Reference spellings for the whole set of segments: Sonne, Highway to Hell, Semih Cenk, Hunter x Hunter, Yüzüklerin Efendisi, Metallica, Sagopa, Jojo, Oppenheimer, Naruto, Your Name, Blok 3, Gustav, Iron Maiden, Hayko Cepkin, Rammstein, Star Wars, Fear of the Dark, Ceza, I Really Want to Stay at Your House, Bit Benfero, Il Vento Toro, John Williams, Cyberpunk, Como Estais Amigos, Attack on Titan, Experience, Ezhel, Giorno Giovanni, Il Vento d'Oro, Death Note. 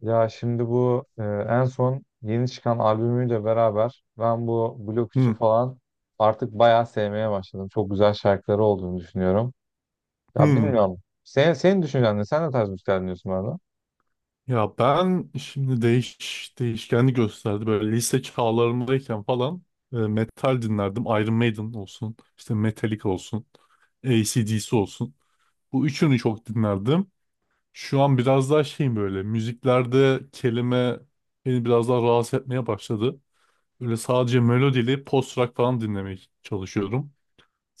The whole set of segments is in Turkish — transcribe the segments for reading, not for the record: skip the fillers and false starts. Ya şimdi bu en son yeni çıkan albümüyle beraber ben bu Blok 3'ü Hı, falan artık bayağı sevmeye başladım. Çok güzel şarkıları olduğunu düşünüyorum. Ya hı. bilmiyorum. Senin düşüncen ne? Sen ne tarz müzikler dinliyorsun bu arada? Ya ben şimdi değişkenli gösterdi. Böyle lise çağlarımdayken falan metal dinlerdim. Iron Maiden olsun, işte Metallica olsun, AC/DC olsun. Bu üçünü çok dinlerdim. Şu an biraz daha şeyim böyle müziklerde kelime beni biraz daha rahatsız etmeye başladı. Böyle sadece melodili post rock falan dinlemeye çalışıyorum.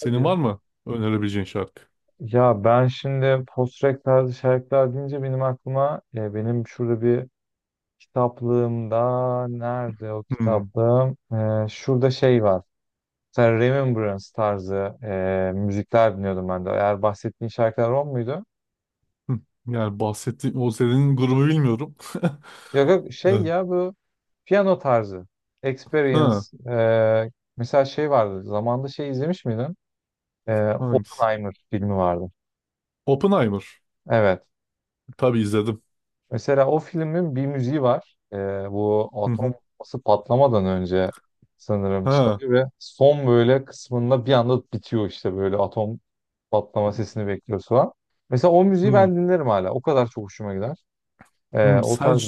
Hadi var ya. mı önerebileceğin şarkı? Ya ben şimdi post-rock tarzı şarkılar deyince benim aklıma benim şurada bir kitaplığımda nerede o Hmm. kitaplığım? Şurada şey var. Mesela Remembrance tarzı müzikler dinliyordum ben de. Eğer bahsettiğin şarkılar o muydu? Hı. Yani bahsettiğim o senin grubu bilmiyorum. Yok yok şey ya bu piyano tarzı. Experience. Ha, eee, mesela şey vardı. Zamanında şey izlemiş miydin? Hangisi? Oppenheimer filmi vardı. Oppenheimer. Evet. Tabii izledim. Mesela o filmin bir müziği var. Bu Hı atom hı. bombası patlamadan önce sanırım Ha. çalıyor ve son böyle kısmında bir anda bitiyor işte böyle atom patlama sesini bekliyoruz falan. Mesela o müziği Hı. ben dinlerim hala. O kadar çok hoşuma gider. Eee, Hı. o Sen tarz.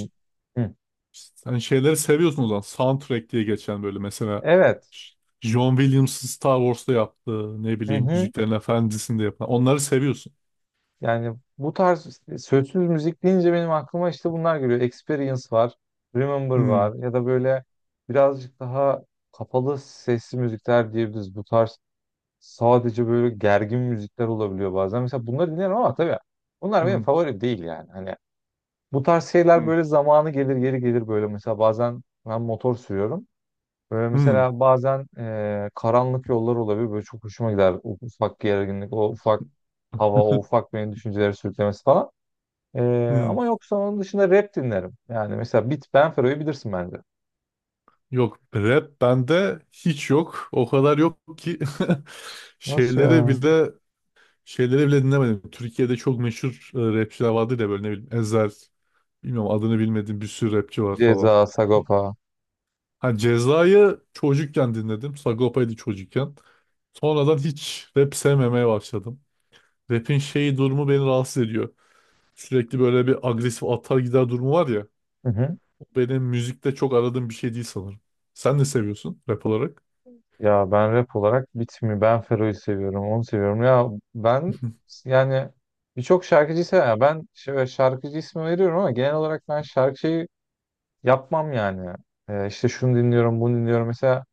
Hı. sen şeyleri seviyorsun o zaman. Soundtrack diye geçen böyle mesela Evet. John Williams'ın Star Wars'ta yaptığı ne Hı bileyim hı. Yüzüklerin Efendisi'nde yapan. Onları seviyorsun. Yani bu tarz işte, sözsüz müzik deyince benim aklıma işte bunlar geliyor. Experience var, Remember Hı. var ya da böyle birazcık daha kapalı sesli müzikler diyebiliriz. Bu tarz sadece böyle gergin müzikler olabiliyor bazen. Mesela bunları dinlerim ama tabii bunlar benim Hı. favori değil yani. Hani bu tarz şeyler Hı. böyle zamanı gelir geri gelir böyle mesela bazen ben motor sürüyorum. Böyle Hı. mesela bazen karanlık yollar olabilir. Böyle çok hoşuma gider. O ufak gerginlik, o ufak hava, o ufak benim düşünceleri sürüklemesi falan. Ee, Hı. ama yoksa onun dışında rap dinlerim. Yani mesela Bit Benfero'yu bilirsin bence. Yok, rap bende hiç yok. O kadar yok ki Nasıl şeyleri ya? bile dinlemedim. Türkiye'de çok meşhur rapçiler vardı da böyle ne bileyim Ezhel, bilmiyorum adını bilmediğim bir sürü rapçi var Ceza, falan. Sagopa. Ha, Ceza'yı çocukken dinledim. Sagopa'ydı çocukken. Sonradan hiç rap sevmemeye başladım. Rap'in şeyi durumu beni rahatsız ediyor. Sürekli böyle bir agresif atar gider durumu var ya. Hı hı. O benim müzikte çok aradığım bir şey değil sanırım. Sen ne seviyorsun rap olarak? Ya ben rap olarak Bit mi Benfero'yu seviyorum, onu seviyorum. Ya ben yani birçok şarkıcı seviyorum. Ya ben şöyle şarkıcı ismi veriyorum ama genel olarak ben şarkıcıyı yapmam yani. İşte şunu dinliyorum, bunu dinliyorum. Mesela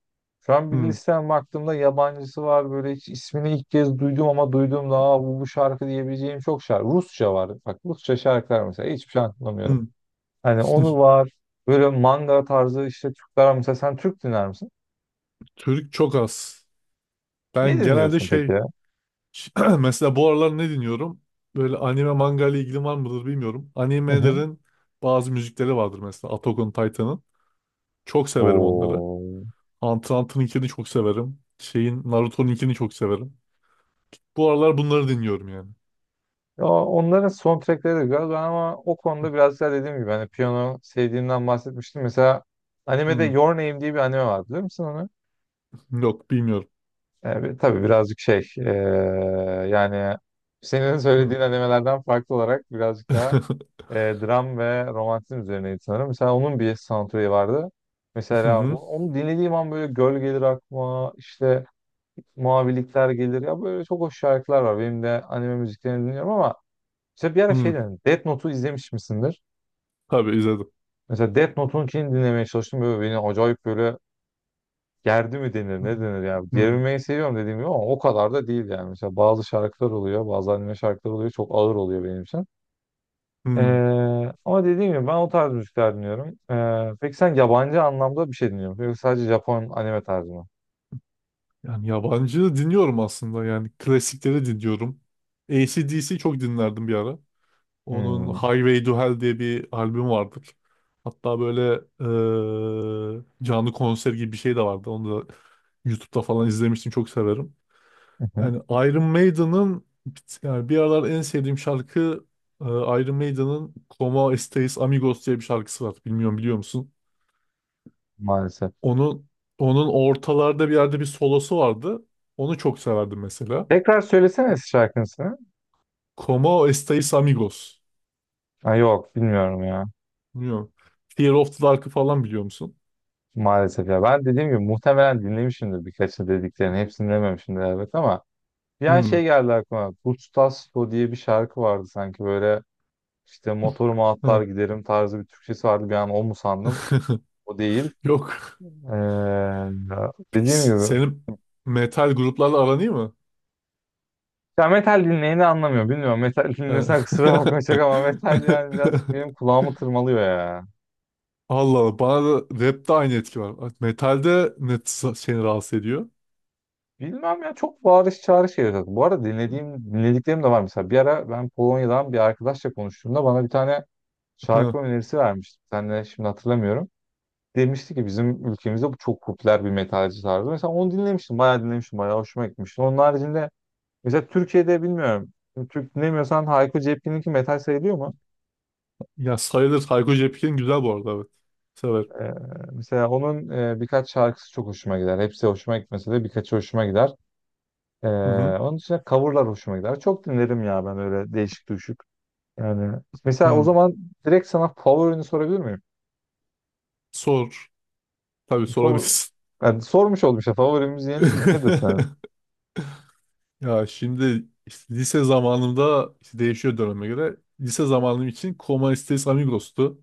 şu an bir Hmm, listem baktığımda yabancısı var böyle hiç ismini ilk kez duydum ama duyduğumda aa, bu şarkı diyebileceğim çok şarkı. Rusça var. Bak Rusça şarkılar mesela hiçbir şey anlamıyorum. hmm. Hani onu var. Böyle manga tarzı işte Türkler var. Mesela sen Türk dinler misin? Türk çok az. Ne Ben genelde dinliyorsun peki şey ya? Ş- Mesela bu aralar ne dinliyorum? Böyle anime manga ile ilgili var mıdır bilmiyorum. Hı hı. Animelerin bazı müzikleri vardır mesela Attack on Titan'ın. Çok severim onları. Oo. Hunter x Hunter'ınkini çok severim. Şeyin Naruto'nunkini çok severim. Bu aralar bunları dinliyorum yani. Ya onların soundtrackleri de güzel. Ben ama o konuda biraz daha dediğim gibi hani piyano sevdiğimden bahsetmiştim. Mesela animede Hmm, Your Name diye bir anime var biliyor musun onu? yok bilmiyorum. Tabii birazcık şey yani senin Hmm. söylediğin animelerden farklı olarak birazcık daha dram ve romantizm üzerineydi sanırım. Mesela onun bir soundtrack'i vardı. Hı Mesela hı, onu dinlediğim an böyle göl gelir aklıma işte mavilikler gelir ya böyle çok hoş şarkılar var. Benim de anime müziklerini dinliyorum ama mesela bir ara şey hı. dedim. Death Note'u izlemiş misindir? Tabii izledim. Mesela Death Note'un için dinlemeye çalıştım. Böyle beni acayip böyle gerdi mi denir Hı, ne denir ya. hı, Gerilmeyi seviyorum dediğim gibi ama o kadar da değil yani. Mesela bazı şarkılar oluyor bazı anime şarkılar oluyor çok ağır oluyor benim için. Ee, hı. ama dediğim gibi ben o tarz müzikler dinliyorum. Peki sen yabancı anlamda bir şey dinliyor musun? Yoksa sadece Japon anime tarzı mı? Yani yabancı dinliyorum aslında, yani klasikleri dinliyorum. AC/DC çok dinlerdim bir ara. Onun Hmm, hı Highway to Hell diye bir albüm vardır. Hatta böyle canlı konser gibi bir şey de vardı. Onu da YouTube'da falan izlemiştim. Çok severim. hı. Yani Iron Maiden'ın yani bir aralar en sevdiğim şarkı Iron Maiden'ın Como Estais Amigos diye bir şarkısı var. Bilmiyorum, biliyor musun? Maalesef. Onun onun ortalarda bir yerde bir solosu vardı. Onu çok severdim mesela. Tekrar söylesene eski şarkısını. Como Estais Amigos. Ha, yok bilmiyorum ya. Bilmiyorum. Fear of the Dark'ı falan biliyor musun? Maalesef ya. Ben dediğim gibi muhtemelen dinlemişimdir birkaçını dediklerini. Hepsini dinlememişimdir elbet ama. Yani Hmm. şey geldi aklıma. Gustav diye bir şarkı vardı sanki böyle. İşte motoruma atlar giderim tarzı bir Türkçesi vardı. Bir an o mu sandım? O değil. Yok. Ee, Peki, dediğim gibi. senin metal gruplarla aran iyi mi? Ya metal dinleyeni anlamıyor. Bilmiyorum metal He. dinlesen kusura bakma çok ama metal yani birazcık benim kulağımı tırmalıyor ya. Allah Allah. Bana da rapte aynı etki var. Metalde ne seni rahatsız ediyor? Bilmem ya çok bağırış çağrış geliyor zaten. Bu arada dinlediğim, dinlediklerim de var. Mesela bir ara ben Polonya'dan bir arkadaşla konuştuğumda bana bir tane He. şarkı önerisi vermişti. Sen de şimdi hatırlamıyorum. Demişti ki bizim ülkemizde bu çok popüler bir metalci tarzı. Mesela onu dinlemiştim. Bayağı dinlemiştim. Bayağı hoşuma gitmişti. Onun haricinde mesela Türkiye'de bilmiyorum. Türk dinlemiyorsan Hayko Cepkin'inki metal sayılıyor mu? Ya, sayılır. Hayko Cepkin güzel bu arada, evet. Severim. Ee, mesela onun birkaç şarkısı çok hoşuma gider. Hepsi hoşuma gitmese de birkaçı hoşuma gider. Ee, Hı hı. onun dışında coverlar hoşuma gider. Çok dinlerim ya ben öyle değişik düşük. Yani mesela o Hı. zaman direkt sana favorini sorabilir miyim? Sor. Tabii Favori. sorabilirsin. Yani sormuş oldum işte favori müziğin nedir senin? Ya şimdi işte lise zamanımda işte değişiyor döneme göre. Lise zamanım için Coma Estes Amigos'tu.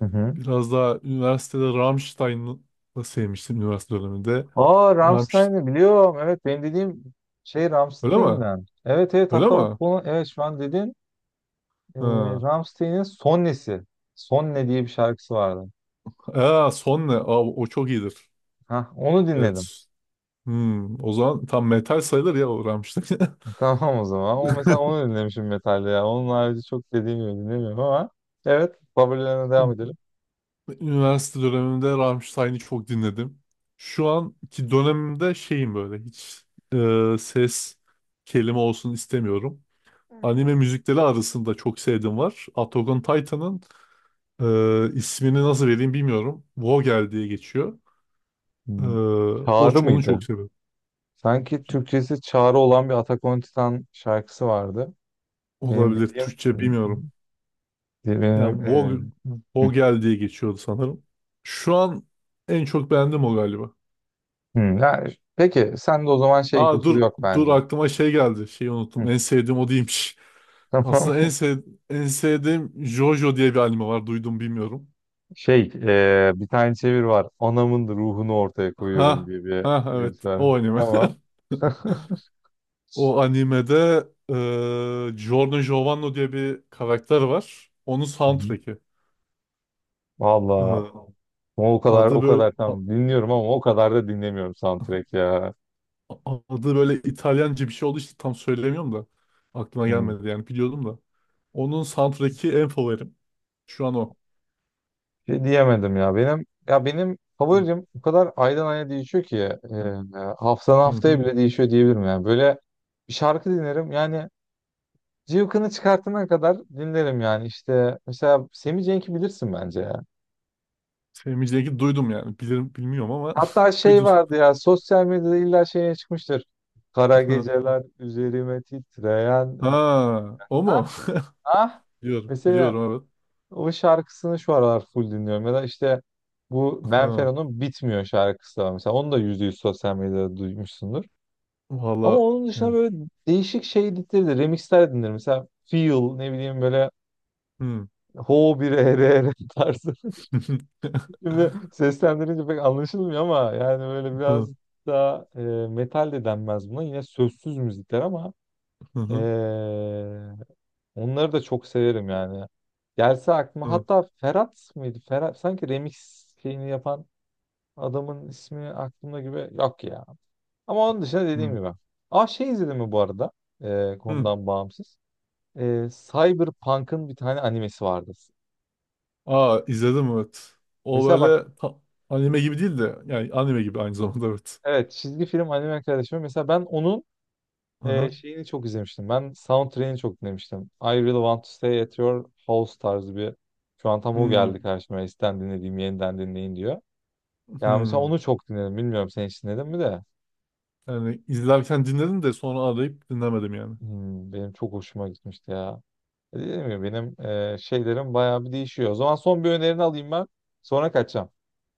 Hı hı. Biraz daha üniversitede Rammstein'ı sevmiştim üniversite döneminde. Aa Rammstein. Rammstein'i biliyorum. Evet benim dediğim şey Öyle mi? Rammstein'den. Evet evet, Öyle hatta o mi? bunu, evet, şu an dedin. Ee, Ha. Rammstein'in Sonnesi. Sonne diye bir şarkısı vardı. Aa, son ne? Aa, o çok iyidir. Hah, onu dinledim. Evet. Hmm, o zaman tam metal sayılır ya o Rammstein. Tamam o zaman. O mesela onu dinlemişim metalde ya. Onun harici çok dediğim gibi dinlemiyorum ama, evet, favorilerine devam edelim. Üniversite dönemimde Rammstein'i çok dinledim. Şu anki dönemimde şeyim böyle hiç ses kelime olsun istemiyorum. Anime müzikleri arasında çok sevdiğim var. Attack on Titan'ın. İsmini nasıl vereyim bilmiyorum. Vogel diye geçiyor. Ee, Hmm, o, Çağrı onu mıydı? çok seviyorum. Sanki Türkçesi Çağrı olan bir Attack on Titan şarkısı vardı. Benim Olabilir. bildiğim Türkçe bilmiyorum. benim Yani Vogel, hı, Vogel diye geçiyordu sanırım. Şu an en çok beğendim o galiba. hı. Ya, peki sen de o zaman şey Aa, kültürü dur yok dur, bence. aklıma şey geldi. Şeyi unuttum. Hı. En sevdiğim o değilmiş. Tamam. Aslında en sevdiğim Jojo diye bir anime var. Duydum bilmiyorum. Şey, bir tane çevir var. Anamın ruhunu ortaya koyuyorum Ha diye bir ha, şey bir. evet, o anime. Tamam. Hı hı. O animede Giorno Giovanni diye bir karakter var. Onun soundtrack'i. Vallahi Eee, o kadar adı o böyle kadar a- tam dinliyorum ama o kadar da dinlemiyorum soundtrack ya. adı böyle İtalyanca bir şey oldu işte tam söyleyemiyorum da aklıma Hmm. gelmedi yani biliyordum da. Onun soundtrack'i en favorim. Şu an o. Şey diyemedim ya. Benim ya benim Hı favorim o kadar aydan aya değişiyor ki haftadan hı. haftaya Hı. bile değişiyor diyebilirim yani. Böyle bir şarkı dinlerim yani cıvkını çıkartana kadar dinlerim yani işte mesela Semih Cenk'i bilirsin bence ya. Sevmeyeceğini duydum yani. Bilirim bilmiyorum ama Hatta şey duydum. vardı ya sosyal medyada illa şeye çıkmıştır. Kara Hı. geceler üzerime titreyen. Ha, o Ah mu? ah. Biliyorum, Mesela biliyorum, evet. o şarkısını şu aralar full dinliyorum. Ya da işte bu Ha. Benfero'nun Bitmiyor şarkısı var. Mesela onu da %100 sosyal medyada duymuşsundur. Ama Valla onun dışında yani. böyle değişik şey dinleri de remixler dinlerim. Mesela Feel ne bileyim böyle Hı. Ho bir ere ere tarzı. Şimdi seslendirince pek anlaşılmıyor ama yani böyle biraz Hı daha metal de denmez buna. Yine sözsüz müzikler ama hı e, hı. onları da çok severim yani. Gelse aklıma Hı. hatta Ferhat mıydı? Ferhat sanki remix şeyini yapan adamın ismi aklımda gibi yok ya. Ama onun dışında dediğim Hı. gibi. Aa şey izledim mi bu arada? E, Hı. konudan bağımsız. Cyberpunk'ın bir tane animesi vardı. Aa, izledim evet. O Mesela bak, böyle ta- anime gibi değil de yani anime gibi aynı zamanda evet. evet, çizgi film anime kardeşim. Mesela ben onun Aha. şeyini çok izlemiştim. Ben soundtrack'ini çok dinlemiştim. I Really Want to Stay at Your House tarzı bir. Şu an tam o Hmm, geldi karşıma. Eskiden dinlediğim yeniden dinleyin diyor. Ya mesela hmm. onu çok dinledim. Bilmiyorum sen hiç dinledin mi de. Yani izlerken dinledim de sonra arayıp dinlemedim yani. Benim çok hoşuma gitmişti ya. Dedim ya benim şeylerim bayağı bir değişiyor. O zaman son bir önerini alayım ben. Sonra kaçacağım.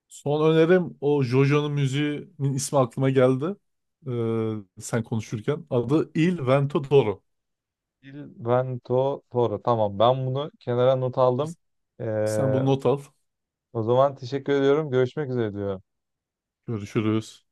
Son önerim o JoJo'nun müziğinin ismi aklıma geldi. Sen konuşurken. Adı Il Vento d'Oro. Il Vento Toro. Tamam ben bunu kenara not aldım. Ee, Sen bunu not al. o zaman teşekkür ediyorum. Görüşmek üzere diyorum. Görüşürüz.